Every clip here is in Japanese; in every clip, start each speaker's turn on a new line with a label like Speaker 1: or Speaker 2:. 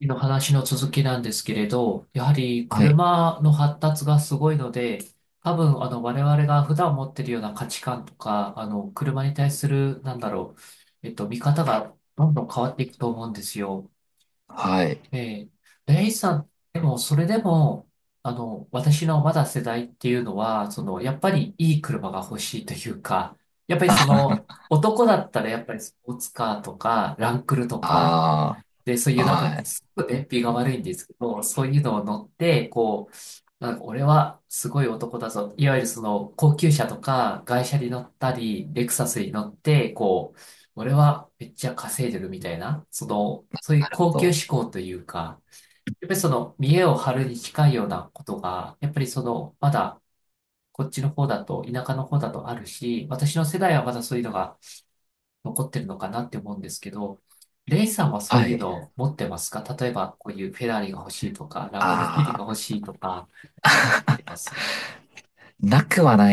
Speaker 1: の話の続きなんですけれど、やはり
Speaker 2: はい。
Speaker 1: 車の発達がすごいので、多分我々が普段持ってるような価値観とか、あの車に対する、なんだろう、見方がどんどん変わっていくと思うんですよ。
Speaker 2: はい。
Speaker 1: えレイさん、でもそれでも、私のまだ世代っていうのは、その、やっぱりいい車が欲しいというか、やっぱりその、男だったらやっぱりスポーツカーとか、ランクルとか、
Speaker 2: あ
Speaker 1: で、そうい
Speaker 2: あ、
Speaker 1: うなんか、
Speaker 2: はい。な
Speaker 1: すごく燃費が悪いんですけど、そういうのを乗って、こう、なんか俺はすごい男だぞ。いわゆるその高級車とか外車に乗ったり、レクサスに乗って、こう、俺はめっちゃ稼いでるみたいな、その、そういう
Speaker 2: る
Speaker 1: 高
Speaker 2: ほ
Speaker 1: 級
Speaker 2: ど。
Speaker 1: 志向というか、やっぱりその見栄を張るに近いようなことが、やっぱりその、まだこっちの方だと、田舎の方だとあるし、私の世代はまだそういうのが残ってるのかなって思うんですけど、レイさんはそう
Speaker 2: は
Speaker 1: いう
Speaker 2: い。
Speaker 1: のを持ってますか？例えば、こういうフェラーリが欲しいとか、ランボルギーニが
Speaker 2: ああ、
Speaker 1: 欲しいとか、あります
Speaker 2: なくはな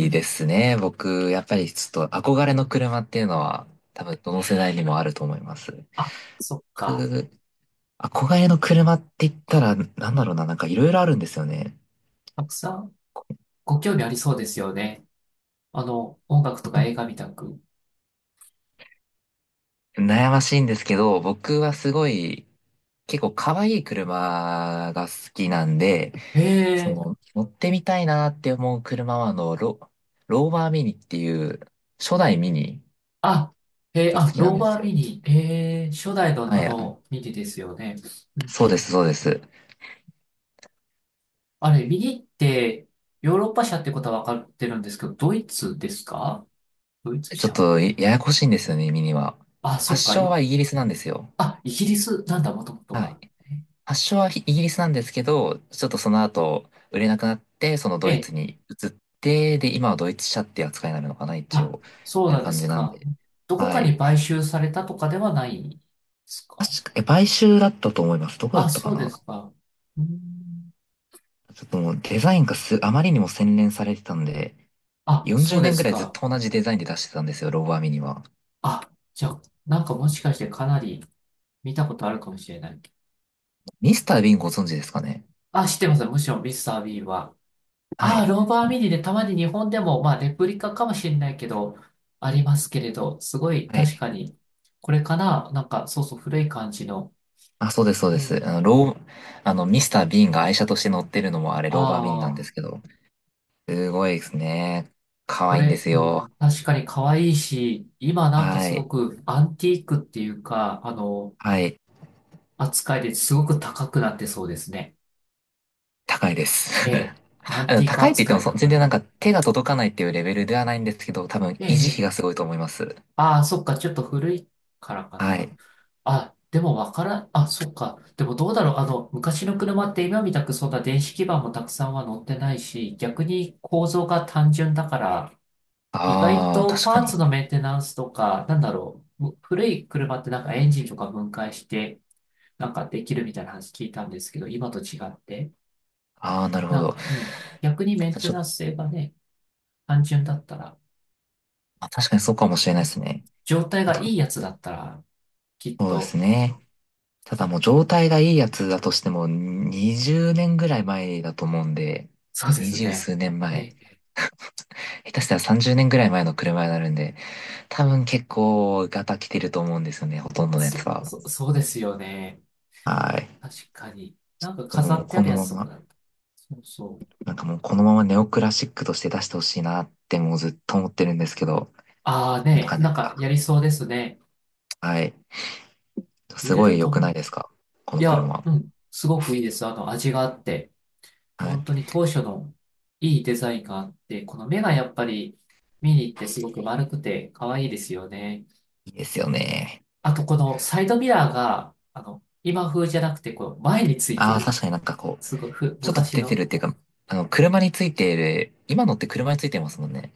Speaker 1: うん、
Speaker 2: ですね。僕、やっぱりちょっと憧れの車っていうのは、多分どの世代にもあると思います。
Speaker 1: あ、そっか。
Speaker 2: 僕、憧れの車って言ったら、なんだろうな、なんかいろいろあるんですよね。
Speaker 1: たくさんご興味ありそうですよね。音楽と
Speaker 2: ほ
Speaker 1: か
Speaker 2: ん
Speaker 1: 映画みたく。
Speaker 2: 悩ましいんですけど、僕はすごい、結構可愛い車が好きなんで、
Speaker 1: ええ、
Speaker 2: 乗ってみたいなって思う車は、ローバーミニっていう、初代ミニ
Speaker 1: あ、えー、
Speaker 2: が
Speaker 1: あ、
Speaker 2: 好きな
Speaker 1: ロ
Speaker 2: ん
Speaker 1: ー
Speaker 2: で
Speaker 1: バ
Speaker 2: す
Speaker 1: ーミ
Speaker 2: よ。
Speaker 1: ニ。ええ、初代の
Speaker 2: はい、あ
Speaker 1: ミニですよね。うん、
Speaker 2: そうです、そうです。
Speaker 1: あれ、ミニって、ヨーロッパ車ってことは分かってるんですけど、ドイツですか？ドイツ
Speaker 2: ちょっ
Speaker 1: 車？
Speaker 2: と、いややこしいんですよね、ミニは。
Speaker 1: あ、そっ
Speaker 2: 発
Speaker 1: か。
Speaker 2: 祥はイギリスなんですよ。
Speaker 1: あ、イギリスなんだ、もともと
Speaker 2: はい。
Speaker 1: は。
Speaker 2: 発祥はイギリスなんですけど、ちょっとその後、売れなくなって、その
Speaker 1: え
Speaker 2: ドイツ
Speaker 1: え。
Speaker 2: に移って、で、今はドイツ車っていう扱いになるのかな、一
Speaker 1: あ、
Speaker 2: 応。み
Speaker 1: そう
Speaker 2: たいな
Speaker 1: なんで
Speaker 2: 感
Speaker 1: す
Speaker 2: じなん
Speaker 1: か。
Speaker 2: で。
Speaker 1: どこ
Speaker 2: は
Speaker 1: か
Speaker 2: い。
Speaker 1: に買収されたとかではないんですか？
Speaker 2: 確か、買収だったと思います。どこだっ
Speaker 1: あ、
Speaker 2: たか
Speaker 1: そうで
Speaker 2: な。
Speaker 1: すか。うーん。
Speaker 2: ちょっともうデザインがあまりにも洗練されてたんで、
Speaker 1: あ、そ
Speaker 2: 40
Speaker 1: うで
Speaker 2: 年ぐ
Speaker 1: す
Speaker 2: らいずっ
Speaker 1: か。
Speaker 2: と同じデザインで出してたんですよ、ローバーミニは。
Speaker 1: あ、じゃあ、なんかもしかしてかなり見たことあるかもしれない。
Speaker 2: ミスター・ビンご存知ですかね？
Speaker 1: あ、知ってます。むしろミスター・ビーは。
Speaker 2: は
Speaker 1: あ、
Speaker 2: い。
Speaker 1: ローバー・ミニでたまに日本でも、まあ、レプリカかもしれないけど、ありますけれど、すごい
Speaker 2: は
Speaker 1: 確
Speaker 2: い。
Speaker 1: かに、これかな？なんか、そうそう、古い感じの。
Speaker 2: あ、そうです、そうで
Speaker 1: ね、
Speaker 2: す。あの、ロー、あの、ミスター・ビーンが愛車として乗ってるのもあれ、ローバーミニな
Speaker 1: あ
Speaker 2: んです
Speaker 1: あ。
Speaker 2: けど、すごいですね。可
Speaker 1: こ
Speaker 2: 愛いんで
Speaker 1: れ、
Speaker 2: す
Speaker 1: う
Speaker 2: よ。
Speaker 1: ん、確かに可愛いし、今なんか
Speaker 2: は
Speaker 1: すご
Speaker 2: い。
Speaker 1: くアンティークっていうか、
Speaker 2: はい。
Speaker 1: 扱いですごく高くなってそうですね。
Speaker 2: 高いです。
Speaker 1: ええ、ア ンティーク
Speaker 2: 高いって言って
Speaker 1: 扱
Speaker 2: も
Speaker 1: いだか
Speaker 2: 全然
Speaker 1: ら。
Speaker 2: なんか手が届かないっていうレベルではないんですけど、多分
Speaker 1: え
Speaker 2: 維持費
Speaker 1: え、
Speaker 2: がすごいと思います。
Speaker 1: ああ、そっか、ちょっと古いからか
Speaker 2: は
Speaker 1: な。
Speaker 2: い。
Speaker 1: あ、でもわからん、あ、そっか。でもどうだろう、昔の車って今みたくそんな電子基板もたくさんは乗ってないし、逆に構造が単純だから、意外
Speaker 2: ああ、
Speaker 1: と
Speaker 2: 確
Speaker 1: パ
Speaker 2: か
Speaker 1: ー
Speaker 2: に。
Speaker 1: ツのメンテナンスとか、なんだろう、古い車ってなんかエンジンとか分解して、なんかできるみたいな話聞いたんですけど、今と違って、
Speaker 2: ああ、なるほ
Speaker 1: なん
Speaker 2: ど。
Speaker 1: か、うん、逆にメンテ
Speaker 2: ちょっ
Speaker 1: ナン
Speaker 2: と、
Speaker 1: ス性がね、単純だったら、
Speaker 2: まあ確かにそうかもしれ
Speaker 1: う
Speaker 2: ないで
Speaker 1: ん、
Speaker 2: すね。
Speaker 1: 状態
Speaker 2: あ
Speaker 1: が
Speaker 2: と、
Speaker 1: いいやつだったら、きっ
Speaker 2: そうです
Speaker 1: と、
Speaker 2: ね。ただもう状態がいいやつだとしても、20年ぐらい前だと思うんで、
Speaker 1: そうです
Speaker 2: 20
Speaker 1: ね。
Speaker 2: 数年前、
Speaker 1: え、
Speaker 2: 下手したら30年ぐらい前の車になるんで、多分結構ガタ来てると思うんですよね、ほとんどのやつは。
Speaker 1: そうですよね。
Speaker 2: はい。
Speaker 1: 確かに。なんか飾
Speaker 2: もう
Speaker 1: ってあ
Speaker 2: こ
Speaker 1: る
Speaker 2: の
Speaker 1: や
Speaker 2: ま
Speaker 1: つとか
Speaker 2: ま、
Speaker 1: だった。そうそう。
Speaker 2: なんかもうこのままネオクラシックとして出してほしいなってもうずっと思ってるんですけど、
Speaker 1: ああ
Speaker 2: な
Speaker 1: ね、
Speaker 2: かな
Speaker 1: なんか
Speaker 2: か、
Speaker 1: やりそうですね。
Speaker 2: はい。
Speaker 1: 売
Speaker 2: す
Speaker 1: れ
Speaker 2: ご
Speaker 1: る
Speaker 2: い
Speaker 1: と
Speaker 2: 良く
Speaker 1: 思
Speaker 2: ない
Speaker 1: う。
Speaker 2: ですか、こ
Speaker 1: い
Speaker 2: の
Speaker 1: や、
Speaker 2: 車？
Speaker 1: うん、すごくいいです。味があって。
Speaker 2: は
Speaker 1: 本当
Speaker 2: い。
Speaker 1: に当初のいいデザインがあって、この目がやっぱり見に行ってすごく丸くて可愛いですよね。
Speaker 2: いいですよね。
Speaker 1: あと、このサイドミラーが、今風じゃなくて、こう、前について
Speaker 2: ああ、
Speaker 1: る。
Speaker 2: 確かになんかこう、
Speaker 1: すごいふ、
Speaker 2: ちょっと
Speaker 1: 昔
Speaker 2: 出てる
Speaker 1: の。
Speaker 2: っていうか、車についている、今のって車についてますもんね。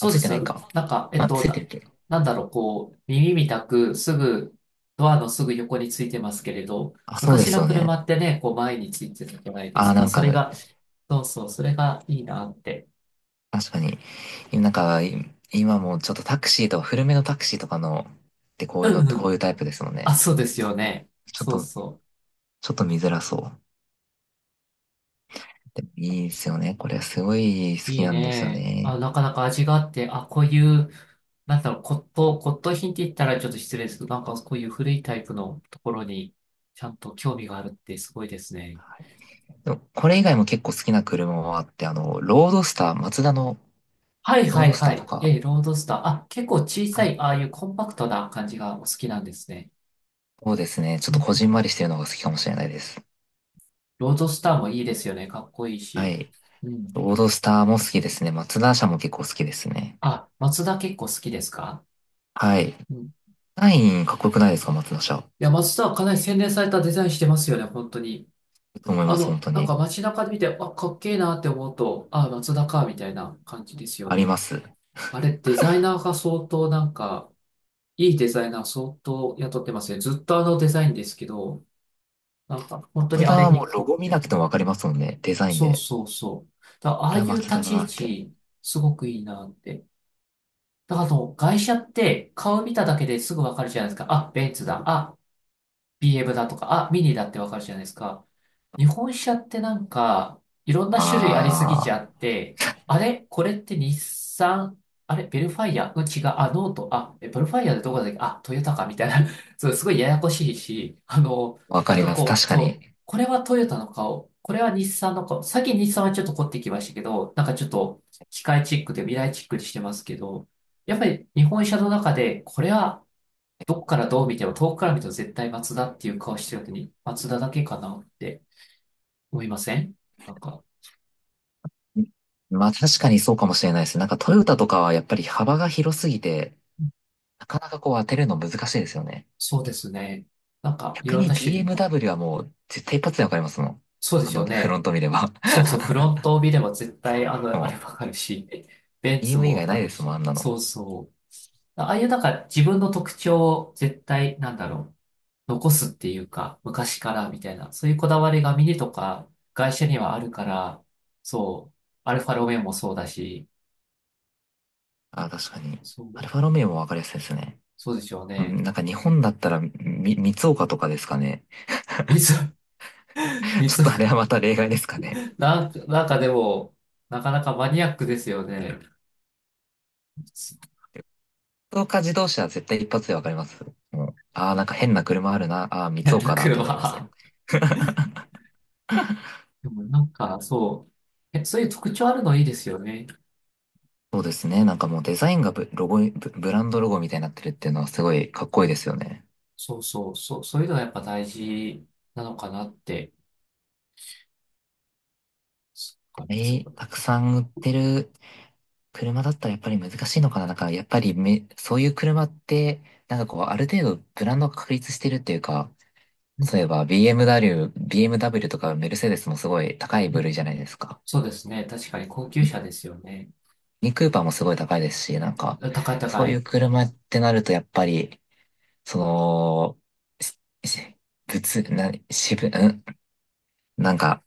Speaker 2: あ、
Speaker 1: う
Speaker 2: つ
Speaker 1: で
Speaker 2: いて
Speaker 1: す。
Speaker 2: ないか。
Speaker 1: なんか、
Speaker 2: あ、ついてるっけ？
Speaker 1: なんだろう、こう、耳みたく、すぐ、ドアのすぐ横についてますけれど、
Speaker 2: あ、そうで
Speaker 1: 昔
Speaker 2: す
Speaker 1: の
Speaker 2: よ
Speaker 1: 車
Speaker 2: ね。
Speaker 1: ってね、こう、前についてたじゃないで
Speaker 2: あ
Speaker 1: す
Speaker 2: あ、な
Speaker 1: か。
Speaker 2: ん
Speaker 1: そ
Speaker 2: か、
Speaker 1: れが、そうそう、それがいいなって。
Speaker 2: 確かに。なんか、今もちょっとタクシーとか、古めのタクシーとかの、ってこう
Speaker 1: う
Speaker 2: いうのっ
Speaker 1: ん
Speaker 2: て
Speaker 1: う
Speaker 2: こう
Speaker 1: ん。
Speaker 2: いうタイプですもん
Speaker 1: あ、
Speaker 2: ね。
Speaker 1: そうですよね。
Speaker 2: ちょっ
Speaker 1: そう
Speaker 2: と、
Speaker 1: そ
Speaker 2: ちょっと見づらそう。でもいいですよね。これすごい
Speaker 1: う。
Speaker 2: 好
Speaker 1: い
Speaker 2: き
Speaker 1: い
Speaker 2: なんですよ
Speaker 1: ね。あ、
Speaker 2: ね。
Speaker 1: なかなか味があって、あ、こういう、なんだろう、骨董品って言ったらちょっと失礼ですけど、なんかこういう古いタイプのところに、ちゃんと興味があるってすごいですね。
Speaker 2: でもこれ以外も結構好きな車はあって、ロードスター、マツダの
Speaker 1: はい
Speaker 2: ロー
Speaker 1: は
Speaker 2: ド
Speaker 1: い
Speaker 2: ス
Speaker 1: は
Speaker 2: ターと
Speaker 1: い。え
Speaker 2: か、
Speaker 1: ー、ロードスター。あ、結構小さ
Speaker 2: はい、
Speaker 1: い、ああいうコンパクトな感じがお好きなんですね。
Speaker 2: そうですね。ちょっ
Speaker 1: う
Speaker 2: と
Speaker 1: ん。
Speaker 2: こじんまりしてるのが好きかもしれないです。
Speaker 1: ロードスターもいいですよね。かっこいい
Speaker 2: は
Speaker 1: し。
Speaker 2: い。
Speaker 1: うん。
Speaker 2: ロードスターも好きですね。松田車も結構好きですね。
Speaker 1: あ、松田結構好きですか？
Speaker 2: はい。
Speaker 1: うん。い
Speaker 2: ナインかっこよくないですか、松田車？
Speaker 1: や、松田はかなり洗練されたデザインしてますよね、本当に。
Speaker 2: と思います、本当
Speaker 1: なんか
Speaker 2: に。
Speaker 1: 街中で見て、あ、かっけえなって思うと、あ、松田か、みたいな感じですよ
Speaker 2: ありま
Speaker 1: ね。
Speaker 2: す。
Speaker 1: あれ、デザイナーが相当なんか、いいデザイナー相当雇ってますね。ずっとあのデザインですけど、なんか本当に
Speaker 2: 松
Speaker 1: あ
Speaker 2: 田
Speaker 1: れ
Speaker 2: はも
Speaker 1: に
Speaker 2: う
Speaker 1: 凝
Speaker 2: ロ
Speaker 1: っ
Speaker 2: ゴ見
Speaker 1: て
Speaker 2: な
Speaker 1: る。
Speaker 2: くてもわかりますもんね。デザイン
Speaker 1: そう
Speaker 2: で。
Speaker 1: そうそう。だからあ
Speaker 2: こ
Speaker 1: あ
Speaker 2: れ
Speaker 1: い
Speaker 2: は
Speaker 1: う
Speaker 2: 松
Speaker 1: 立
Speaker 2: 田だ
Speaker 1: ち位
Speaker 2: なって。
Speaker 1: 置、すごくいいなって。だから外車って顔見ただけですぐわかるじゃないですか。あ、ベンツだ。あ、BM だとか、あ、ミニだってわかるじゃないですか。日本車ってなんか、いろんな種類ありすぎちゃ
Speaker 2: あ
Speaker 1: って、あれこれって日産？あれベルファイア？うん、違う。あ、ノート。あ、え、ベルファイアでどこだっけ？あ、トヨタかみたいな。そう、すごいややこしいし、
Speaker 2: あ、わか
Speaker 1: なん
Speaker 2: り
Speaker 1: か
Speaker 2: ます。
Speaker 1: こ
Speaker 2: 確
Speaker 1: う、
Speaker 2: か
Speaker 1: そう、
Speaker 2: に。
Speaker 1: これはトヨタの顔、これは日産の顔。さっき日産はちょっと凝ってきましたけど、なんかちょっと機械チックで未来チックにしてますけど、やっぱり日本車の中で、これはどこからどう見ても、遠くから見ても絶対松田っていう顔してるのに、松田だけかなって。思いません？なんか、
Speaker 2: まあ確かにそうかもしれないです。なんかトヨタとかはやっぱり幅が広すぎて、なかなかこう当てるの難しいですよね。
Speaker 1: そうですね。なんか、い
Speaker 2: 逆
Speaker 1: ろん
Speaker 2: に
Speaker 1: な種類が。
Speaker 2: BMW はもう絶対一発でわかりますもん。
Speaker 1: そうですよ
Speaker 2: フロ
Speaker 1: ね。
Speaker 2: ント見れば。
Speaker 1: そうそう、フロントを見れば絶対、あれわ
Speaker 2: も
Speaker 1: かるし、ベン
Speaker 2: う、
Speaker 1: ツも
Speaker 2: BMW 以
Speaker 1: わ
Speaker 2: 外
Speaker 1: か
Speaker 2: ないで
Speaker 1: る
Speaker 2: すもん、あ
Speaker 1: し、
Speaker 2: んなの。
Speaker 1: そうそう。ああいうなんか自分の特徴を絶対、なんだろう、残すっていうか、昔からみたいな、そういうこだわりがミニとか会社にはあるから、そう、アルファロメオもそうだし、
Speaker 2: あ、確かに。
Speaker 1: そ
Speaker 2: アル
Speaker 1: う、
Speaker 2: ファロメオもわかりやすいですね。
Speaker 1: そうでしょう
Speaker 2: う
Speaker 1: ね。
Speaker 2: ん、なんか日本だったら、三岡とかですかね。
Speaker 1: 水、
Speaker 2: ちょっとあれ
Speaker 1: 水
Speaker 2: はまた例外ですかね。
Speaker 1: なんか、なんかでも、なかなかマニアックですよね。
Speaker 2: 三岡自動車は絶対一発でわかります。もう、ああ、なんか変な車あるな。ああ、三
Speaker 1: 変な
Speaker 2: 岡だってなりますも
Speaker 1: 車。
Speaker 2: ん。
Speaker 1: でもなんか、そう、え、そういう特徴あるのいいですよね。
Speaker 2: そうですね。なんかもうデザインがロゴ、ブランドロゴみたいになってるっていうのはすごいかっこいいですよね。
Speaker 1: そういうのがやっぱ大事なのかなって。そっか、
Speaker 2: え
Speaker 1: そうか。
Speaker 2: たくさん売ってる車だったらやっぱり難しいのかな？なんか、やっぱりそういう車って、なんかこう、ある程度ブランドが確立してるっていうか、
Speaker 1: うん、
Speaker 2: そういえば BMW、 とかメルセデスもすごい高い
Speaker 1: うん、
Speaker 2: 部類じゃ
Speaker 1: う
Speaker 2: ない
Speaker 1: ん。
Speaker 2: ですか。
Speaker 1: そうですね。確かに高級
Speaker 2: ミ
Speaker 1: 車ですよね。
Speaker 2: ニクーパーもすごい高いですし、なんか、
Speaker 1: あ、高い
Speaker 2: そ
Speaker 1: 高
Speaker 2: うい
Speaker 1: い。
Speaker 2: う車ってなるとやっぱり、その、しし物、な、渋、んなんか、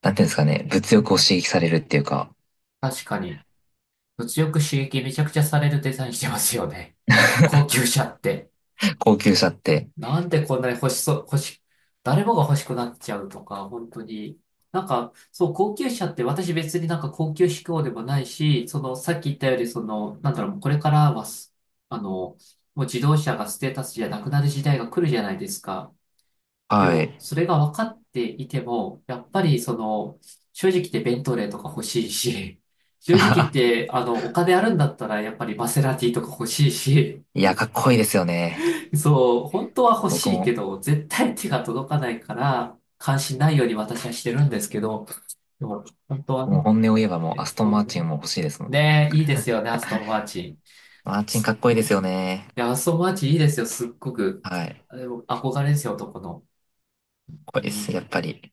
Speaker 2: なんていうんですかね、物
Speaker 1: う
Speaker 2: 欲を
Speaker 1: ん。
Speaker 2: 刺激されるっていうか、
Speaker 1: 確かに。物欲刺激めちゃくちゃされるデザインしてますよね。高 級車って。
Speaker 2: 高級車って。
Speaker 1: なんでこんなに欲しそう、欲し、誰もが欲しくなっちゃうとか、本当に。なんか、そう、高級車って私別になんか高級志向でもないし、その、さっき言ったより、その、なんだろう、これからはす、あの、もう自動車がステータスじゃなくなる時代が来るじゃないですか。で
Speaker 2: は
Speaker 1: も、
Speaker 2: い。
Speaker 1: それが分かっていても、やっぱりその、正直言ってベントレーとか欲しいし、正直言って、お金あるんだったら、やっぱりマセラティとか欲しいし、
Speaker 2: いや、かっこいいですよね。
Speaker 1: そう、本当は欲
Speaker 2: 僕
Speaker 1: しいけ
Speaker 2: も
Speaker 1: ど、絶対手が届かないから、関心ないように私はしてるんですけど、でも、本当は
Speaker 2: もう
Speaker 1: ね、
Speaker 2: 本音を言えばもうア
Speaker 1: ね、
Speaker 2: ストン
Speaker 1: 本
Speaker 2: マー
Speaker 1: 当
Speaker 2: チン
Speaker 1: に
Speaker 2: も欲しいですもん。
Speaker 1: ねえいいですよね、アストンマーチン。
Speaker 2: マーチン
Speaker 1: す
Speaker 2: かっこいいで
Speaker 1: う
Speaker 2: す
Speaker 1: ん、
Speaker 2: よね。
Speaker 1: いや、アストンマーチンいいですよ、すっごく。
Speaker 2: はい。かっ
Speaker 1: あでも憧れですよ、男の。本
Speaker 2: こ
Speaker 1: 当
Speaker 2: いいで
Speaker 1: に。
Speaker 2: す。やっぱり、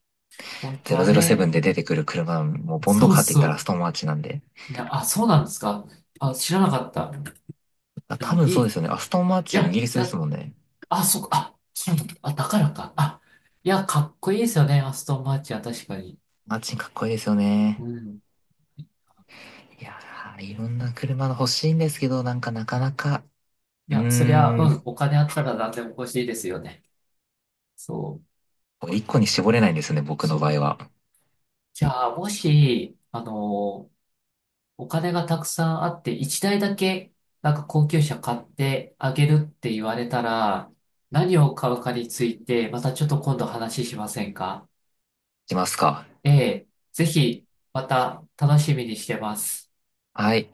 Speaker 1: 本当はね、
Speaker 2: 007で出てくる車、もうボンド
Speaker 1: そう
Speaker 2: カーって言ったらアス
Speaker 1: そ
Speaker 2: トンマーチンなんで。
Speaker 1: う。いや、あ、そうなんですか。あ、知らなかった。
Speaker 2: あ、
Speaker 1: で
Speaker 2: 多
Speaker 1: も、
Speaker 2: 分
Speaker 1: い
Speaker 2: そ
Speaker 1: い。
Speaker 2: う
Speaker 1: い
Speaker 2: ですよね。アストンマーチン
Speaker 1: や、
Speaker 2: イギリ
Speaker 1: い
Speaker 2: スです
Speaker 1: や、
Speaker 2: もんね。
Speaker 1: あ、そっか、あ、そうなんだ。あ、だからか。あ、いや、かっこいいですよね、アストンマーチンは確かに。
Speaker 2: マーチンかっこいいですよね。
Speaker 1: うん。
Speaker 2: いやー、いろんな車が欲しいんですけど、なんかなかなか、
Speaker 1: い
Speaker 2: うー
Speaker 1: や、そりゃ、う
Speaker 2: ん、
Speaker 1: ん、お金あったら何でも欲しいですよね。そう、
Speaker 2: 一個に絞れないんですよね、僕
Speaker 1: そ
Speaker 2: の場
Speaker 1: う。
Speaker 2: 合は。
Speaker 1: じゃあ、もし、お金がたくさんあって、一台だけ、なんか高級車買ってあげるって言われたら、何を買うかについて、またちょっと今度話しませんか？
Speaker 2: しますか？
Speaker 1: ええ、ぜひ、また楽しみにしてます。
Speaker 2: はい。